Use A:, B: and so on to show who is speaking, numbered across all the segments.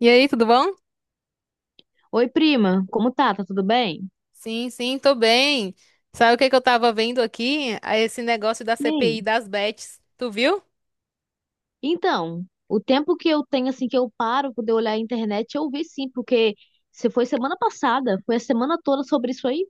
A: E aí, tudo bom?
B: Oi, prima, como tá? Tá tudo bem?
A: Sim, sim, tô bem. Sabe o que que eu tava vendo aqui? Ah, esse negócio da CPI
B: Sim.
A: das bets. Tu viu?
B: Então, o tempo que eu tenho, assim, que eu paro pra poder olhar a internet, eu vi sim, porque se foi semana passada, foi a semana toda sobre isso aí?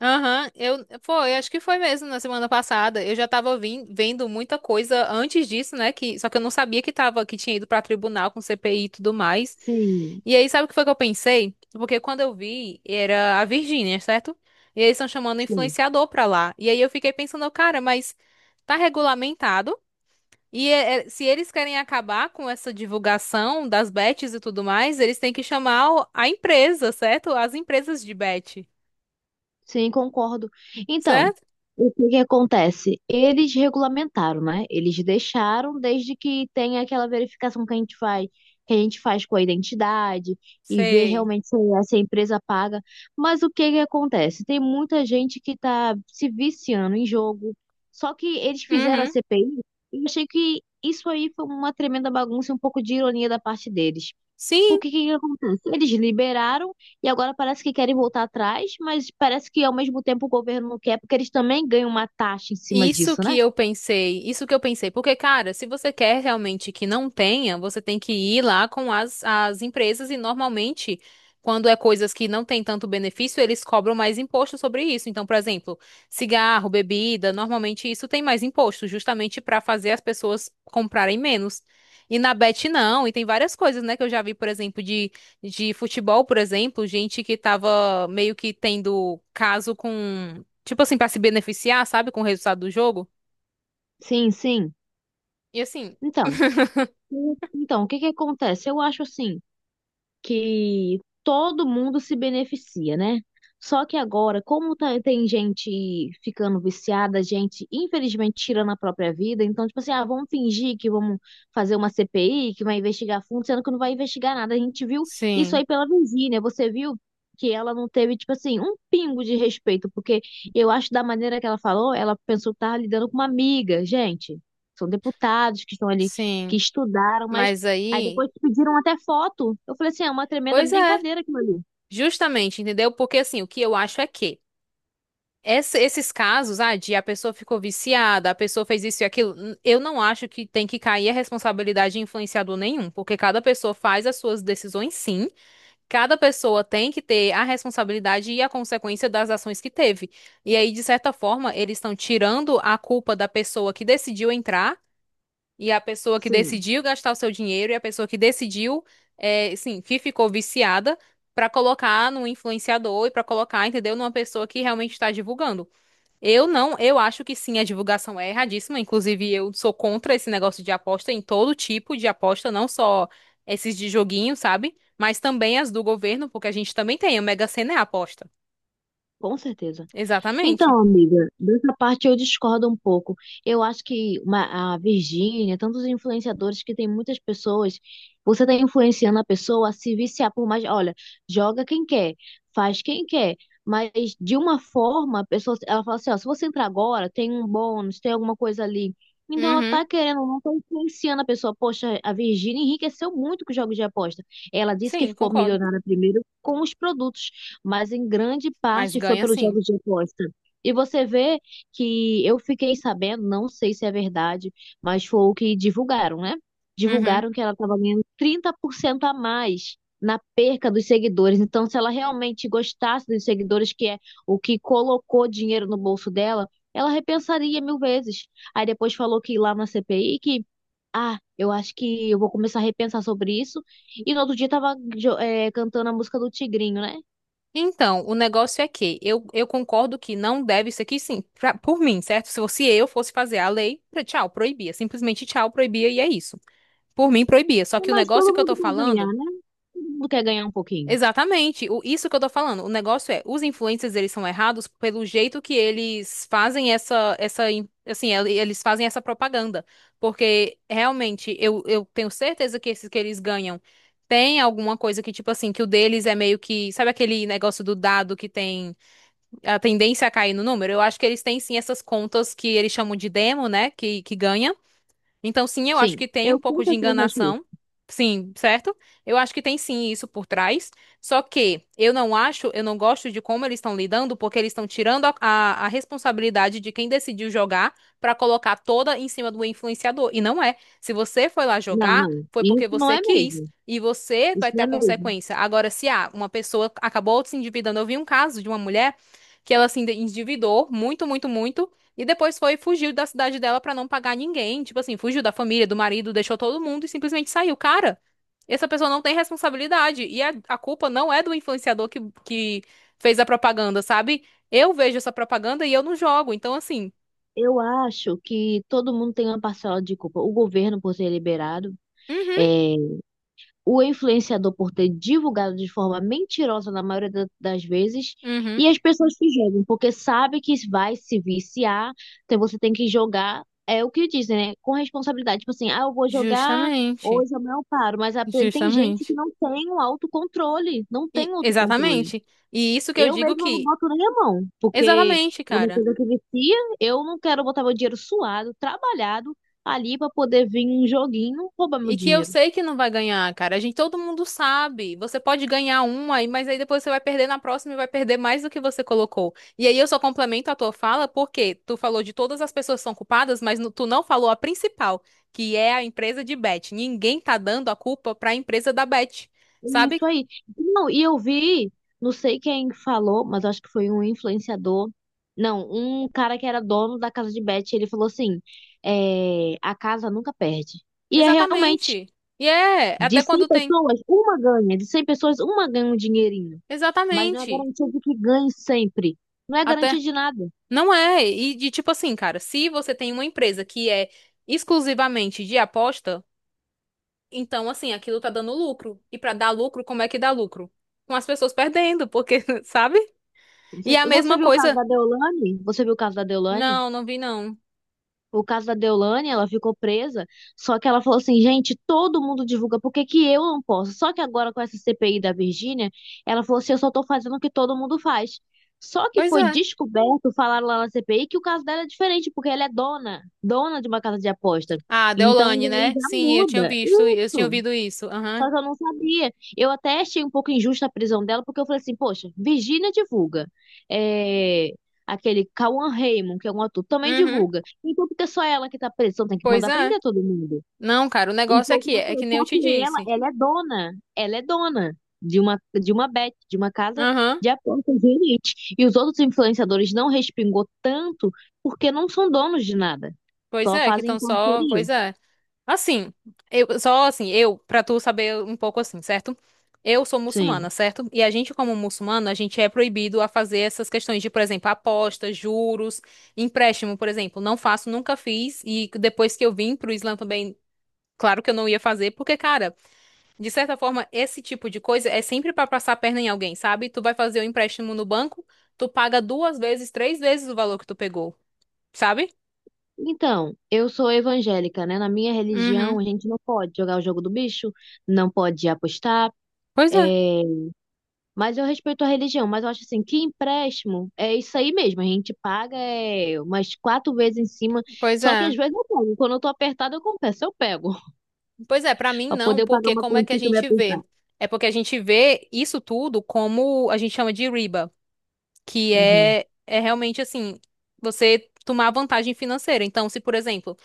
A: Aham, eu foi, acho que foi mesmo na semana passada. Eu já tava vendo muita coisa antes disso, né? Só que eu não sabia que tava, que tinha ido pra tribunal com CPI e tudo mais.
B: Sim,
A: E aí, sabe o que foi que eu pensei? Porque quando eu vi, era a Virgínia, certo? E eles estão chamando
B: sim.
A: influenciador pra lá. E aí eu fiquei pensando, cara, mas tá regulamentado? E se eles querem acabar com essa divulgação das bets e tudo mais, eles têm que chamar a empresa, certo? As empresas de bet,
B: Sim, concordo. Então,
A: certo?
B: o que que acontece? Eles regulamentaram, né? Eles deixaram desde que tenha aquela verificação que a gente faz, que a gente faz com a identidade e ver
A: Sei.
B: realmente se a, se a empresa paga. Mas o que que acontece? Tem muita gente que está se viciando em jogo. Só que eles fizeram a
A: Uhum.
B: CPI e eu achei que isso aí foi uma tremenda bagunça e um pouco de ironia da parte deles. O
A: Sim.
B: que que acontece? Eles liberaram e agora parece que querem voltar atrás, mas parece que ao mesmo tempo o governo não quer, porque eles também ganham uma taxa em cima
A: Isso
B: disso, né?
A: que eu pensei, isso que eu pensei, porque, cara, se você quer realmente que não tenha, você tem que ir lá com as empresas e normalmente, quando é coisas que não tem tanto benefício, eles cobram mais imposto sobre isso. Então, por exemplo, cigarro, bebida, normalmente isso tem mais imposto, justamente para fazer as pessoas comprarem menos. E na Bet não, e tem várias coisas, né, que eu já vi, por exemplo, de futebol, por exemplo, gente que tava meio que tendo caso com, tipo assim, pra se beneficiar, sabe, com o resultado do jogo.
B: Sim, sim.
A: E assim.
B: Então, então, o que que acontece? Eu acho assim, que todo mundo se beneficia, né? Só que agora, como tem gente ficando viciada, gente infelizmente tirando a própria vida, então, tipo assim, ah, vamos fingir que vamos fazer uma CPI, que vai investigar fundo, sendo que não vai investigar nada. A gente viu isso
A: Sim,
B: aí pela Virgínia, você viu que ela não teve, tipo assim, um pingo de respeito, porque eu acho da maneira que ela falou, ela pensou que estava lidando com uma amiga, gente. São deputados que estão ali, que
A: sim.
B: estudaram, mas
A: Mas
B: aí
A: aí,
B: depois pediram até foto. Eu falei assim, é uma tremenda
A: pois é,
B: brincadeira aquilo ali.
A: justamente, entendeu? Porque assim, o que eu acho é que esses casos, ah, de a pessoa ficou viciada, a pessoa fez isso e aquilo, eu não acho que tem que cair a responsabilidade de influenciador nenhum, porque cada pessoa faz as suas decisões, sim, cada pessoa tem que ter a responsabilidade e a consequência das ações que teve. E aí, de certa forma, eles estão tirando a culpa da pessoa que decidiu entrar e a pessoa que
B: Sim,
A: decidiu gastar o seu dinheiro e a pessoa que decidiu, é, sim, que ficou viciada, pra colocar no influenciador e pra colocar, entendeu, numa pessoa que realmente está divulgando. Eu não, Eu acho que sim, a divulgação é erradíssima. Inclusive, eu sou contra esse negócio de aposta em todo tipo de aposta, não só esses de joguinho, sabe? Mas também as do governo, porque a gente também tem, a Mega Sena é aposta.
B: com certeza.
A: Exatamente.
B: Então, amiga, dessa parte eu discordo um pouco. Eu acho que a Virgínia, tantos influenciadores que tem muitas pessoas, você está influenciando a pessoa a se viciar por mais. Olha, joga quem quer, faz quem quer. Mas de uma forma, a pessoa, ela fala assim, ó, se você entrar agora, tem um bônus, tem alguma coisa ali. Então ela
A: Uhum.
B: tá querendo, não tá influenciando a pessoa. Poxa, a Virgínia enriqueceu muito com os jogos de aposta. Ela disse que
A: Sim,
B: ficou
A: concordo.
B: milionária primeiro com os produtos, mas em grande
A: Mas
B: parte foi
A: ganha
B: pelos
A: sim.
B: jogos de aposta. E você vê que eu fiquei sabendo, não sei se é verdade, mas foi o que divulgaram, né?
A: Uhum.
B: Divulgaram que ela estava ganhando 30% a mais na perca dos seguidores. Então, se ela realmente gostasse dos seguidores, que é o que colocou dinheiro no bolso dela, ela repensaria mil vezes. Aí depois falou que lá na CPI que, ah, eu acho que eu vou começar a repensar sobre isso. E no outro dia estava cantando a música do Tigrinho, né?
A: Então, o negócio é que eu concordo que não deve isso aqui, sim, por mim, certo? Se fosse eu fosse fazer a lei, tchau, proibia. Simplesmente tchau, proibia e é isso. Por mim, proibia. Só que o
B: Mas
A: negócio
B: todo
A: que eu
B: mundo
A: tô
B: quer
A: falando,
B: ganhar, né? Todo mundo quer ganhar um pouquinho.
A: exatamente, isso que eu tô falando. O negócio é, os influencers, eles são errados pelo jeito que eles fazem assim, eles fazem essa propaganda. Porque, realmente, eu tenho certeza que esses que eles ganham. Tem alguma coisa que, tipo assim, que o deles é meio que. Sabe aquele negócio do dado que tem a tendência a cair no número. Eu acho que eles têm sim essas contas que eles chamam de demo, né? Que ganha. Então, sim, eu acho
B: Sim,
A: que tem um
B: eu com
A: pouco de
B: certeza acho isso.
A: enganação. Sim, certo? Eu acho que tem sim isso por trás. Só que eu não acho, eu não gosto de como eles estão lidando, porque eles estão tirando a responsabilidade de quem decidiu jogar pra colocar toda em cima do influenciador. E não é. Se você foi lá
B: Não,
A: jogar,
B: não,
A: foi porque
B: isso não
A: você
B: é
A: quis.
B: mesmo.
A: E você
B: Isso
A: vai ter
B: não
A: a
B: é mesmo.
A: consequência. Agora, se uma pessoa acabou se endividando, eu vi um caso de uma mulher que ela se endividou muito, muito, muito. E depois fugiu da cidade dela pra não pagar ninguém. Tipo assim, fugiu da família, do marido, deixou todo mundo e simplesmente saiu. Cara, essa pessoa não tem responsabilidade. E a culpa não é do influenciador que fez a propaganda, sabe? Eu vejo essa propaganda e eu não jogo. Então, assim.
B: Eu acho que todo mundo tem uma parcela de culpa. O governo por ter liberado,
A: Uhum,
B: é, o influenciador por ter divulgado de forma mentirosa na maioria das vezes, e
A: uhum.
B: as pessoas que jogam, porque sabe que vai se viciar, então você tem que jogar, é o que dizem, né? Com responsabilidade. Tipo assim, ah, eu vou jogar.
A: Justamente.
B: Hoje amanhã eu não paro, mas tem gente que
A: Justamente.
B: não tem o autocontrole, não tem
A: E,
B: um autocontrole.
A: exatamente. E isso que eu
B: Eu
A: digo
B: mesma não
A: que.
B: boto nem a mão, porque
A: Exatamente,
B: é uma
A: cara.
B: coisa que vicia. Eu não quero botar meu dinheiro suado, trabalhado, ali para poder vir um joguinho roubar meu
A: E que eu
B: dinheiro.
A: sei que não vai ganhar, cara. A gente, todo mundo sabe. Você pode ganhar uma, aí, mas aí depois você vai perder na próxima e vai perder mais do que você colocou. E aí eu só complemento a tua fala porque tu falou de todas as pessoas que são culpadas, mas tu não falou a principal, que é a empresa de bet. Ninguém tá dando a culpa pra empresa da bet,
B: É
A: sabe?
B: isso aí. Não, e eu vi, não sei quem falou, mas acho que foi um influenciador. Não, um cara que era dono da casa de bet, ele falou assim: é, a casa nunca perde. E é realmente,
A: Exatamente. E é,
B: de
A: até
B: 100
A: quando tem.
B: pessoas, uma ganha. De 100 pessoas, uma ganha um dinheirinho. Mas não é
A: Exatamente.
B: garantia de que ganhe sempre. Não é garantia
A: Até.
B: de nada.
A: Não é. E de tipo assim, cara, se você tem uma empresa que é exclusivamente de aposta. Então, assim, aquilo tá dando lucro. E pra dar lucro, como é que dá lucro? Com as pessoas perdendo, porque, sabe? E a
B: Você
A: mesma
B: viu o caso
A: coisa.
B: da Deolane? Você viu o caso da Deolane?
A: Não, não vi não.
B: O caso da Deolane, ela ficou presa, só que ela falou assim, gente, todo mundo divulga, por que que eu não posso? Só que agora com essa CPI da Virgínia, ela falou assim, eu só tô fazendo o que todo mundo faz. Só que
A: Pois
B: foi
A: é.
B: descoberto, falaram lá na CPI, que o caso dela é diferente, porque ela é dona, dona de uma casa de aposta.
A: Ah,
B: Então
A: Deolane,
B: aí
A: né?
B: já
A: Sim, eu tinha
B: muda.
A: visto, eu tinha
B: Isso.
A: ouvido isso. Aham.
B: Só que eu não sabia. Eu até achei um pouco injusta a prisão dela, porque eu falei assim, poxa, Virgínia divulga. É, aquele Cauan Raymond, que é um ator, também
A: Uhum.
B: divulga. Então, porque é só ela que tá presa, então tem que
A: Pois
B: mandar
A: é.
B: prender todo mundo.
A: Não, cara, o negócio é
B: Então,
A: que
B: como eu
A: é
B: falei,
A: que nem
B: só
A: eu
B: que
A: te
B: ela,
A: disse.
B: ela é dona. Ela é dona de uma bet, de uma casa
A: Aham.
B: de apostas de elite. E os outros influenciadores não respingou tanto porque não são donos de nada.
A: Pois
B: Só
A: é, que
B: fazem
A: estão só,
B: parceria.
A: pois é. Assim, eu só assim, eu, pra tu saber um pouco assim, certo? Eu sou muçulmana,
B: Sim.
A: certo? E a gente, como muçulmano, a gente é proibido a fazer essas questões de, por exemplo, apostas, juros, empréstimo, por exemplo. Não faço, nunca fiz. E depois que eu vim pro Islã também, claro que eu não ia fazer, porque, cara, de certa forma, esse tipo de coisa é sempre pra passar a perna em alguém, sabe? Tu vai fazer o empréstimo no banco, tu paga duas vezes, três vezes o valor que tu pegou, sabe?
B: Então, eu sou evangélica, né? Na minha religião,
A: Uhum.
B: a gente não pode jogar o jogo do bicho, não pode apostar.
A: Pois é.
B: É, mas eu respeito a religião, mas eu acho assim, que empréstimo é isso aí mesmo. A gente paga é, umas quatro vezes em cima,
A: Pois
B: só que às
A: é.
B: vezes eu pego. Quando eu tô apertada, eu confesso, eu pego.
A: Pois é, pra mim
B: Pra
A: não,
B: poder pagar
A: porque
B: uma
A: como é que a
B: continha que eu me
A: gente
B: apertar.
A: vê? É porque a gente vê isso tudo como a gente chama de riba, que
B: Uhum.
A: é realmente assim, você tomar vantagem financeira. Então, se, por exemplo,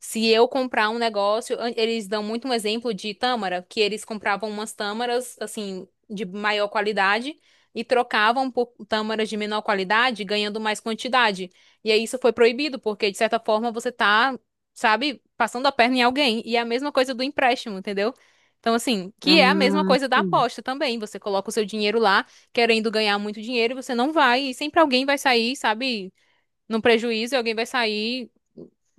A: se eu comprar um negócio, eles dão muito um exemplo de tâmara, que eles compravam umas tâmaras, assim, de maior qualidade e trocavam por tâmaras de menor qualidade, ganhando mais quantidade. E aí isso foi proibido, porque de certa forma você tá, sabe, passando a perna em alguém. E é a mesma coisa do empréstimo, entendeu? Então, assim, que é a mesma
B: Ah,
A: coisa da
B: sim.
A: aposta também. Você coloca o seu dinheiro lá, querendo ganhar muito dinheiro, e você não vai, e sempre alguém vai sair, sabe? Num prejuízo e alguém vai sair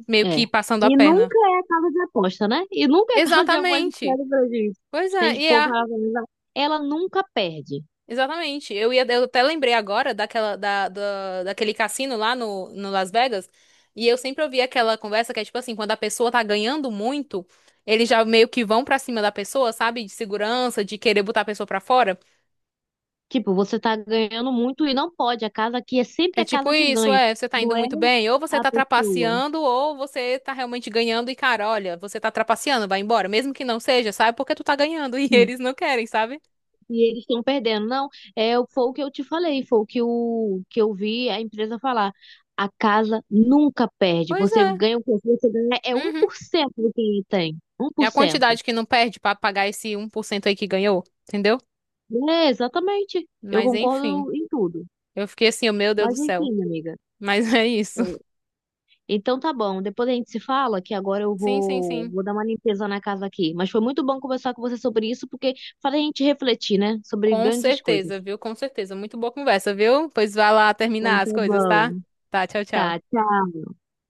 A: meio
B: É.
A: que passando a
B: E
A: perna.
B: nunca é casa de aposta, né? E nunca é casa de aposta que
A: Exatamente.
B: pega prejuízo.
A: Pois
B: Se a
A: é,
B: gente
A: e
B: pôr
A: é,
B: pra analisar, ela nunca perde.
A: exatamente. Eu até lembrei agora daquela, daquele cassino lá no Las Vegas, e eu sempre ouvi aquela conversa que é tipo assim, quando a pessoa tá ganhando muito, eles já meio que vão pra cima da pessoa, sabe? De segurança, de querer botar a pessoa pra fora.
B: Tipo, você tá ganhando muito e não pode. A casa aqui é sempre
A: É
B: a
A: tipo
B: casa que
A: isso,
B: ganha.
A: é, você tá
B: Não
A: indo
B: é
A: muito bem, ou você
B: a
A: tá
B: pessoa.
A: trapaceando, ou você tá realmente ganhando e, cara, olha, você tá trapaceando, vai embora, mesmo que não seja, sabe? Porque tu tá ganhando e
B: Sim.
A: eles não querem, sabe?
B: E eles estão perdendo. Não, é, foi o que eu te falei, foi o que eu vi a empresa falar. A casa nunca perde.
A: Pois
B: Você
A: é.
B: ganha o que você ganha é um
A: Uhum.
B: por cento do que ele tem.
A: É a
B: 1%.
A: quantidade que não perde pra pagar esse 1% aí que ganhou, entendeu?
B: É, exatamente. Eu
A: Mas enfim,
B: concordo em tudo.
A: eu fiquei assim, oh, meu Deus
B: Mas
A: do céu.
B: enfim, minha amiga.
A: Mas é isso.
B: É, então tá bom, depois a gente se fala que agora eu
A: Sim, sim,
B: vou,
A: sim.
B: vou dar uma limpeza na casa aqui. Mas foi muito bom conversar com você sobre isso, porque faz a gente refletir, né? Sobre
A: Com
B: grandes coisas.
A: certeza, viu? Com certeza. Muito boa conversa, viu? Pois vai lá terminar
B: Então tá
A: as coisas, tá?
B: bom.
A: Tá, tchau,
B: Tá,
A: tchau.
B: tchau.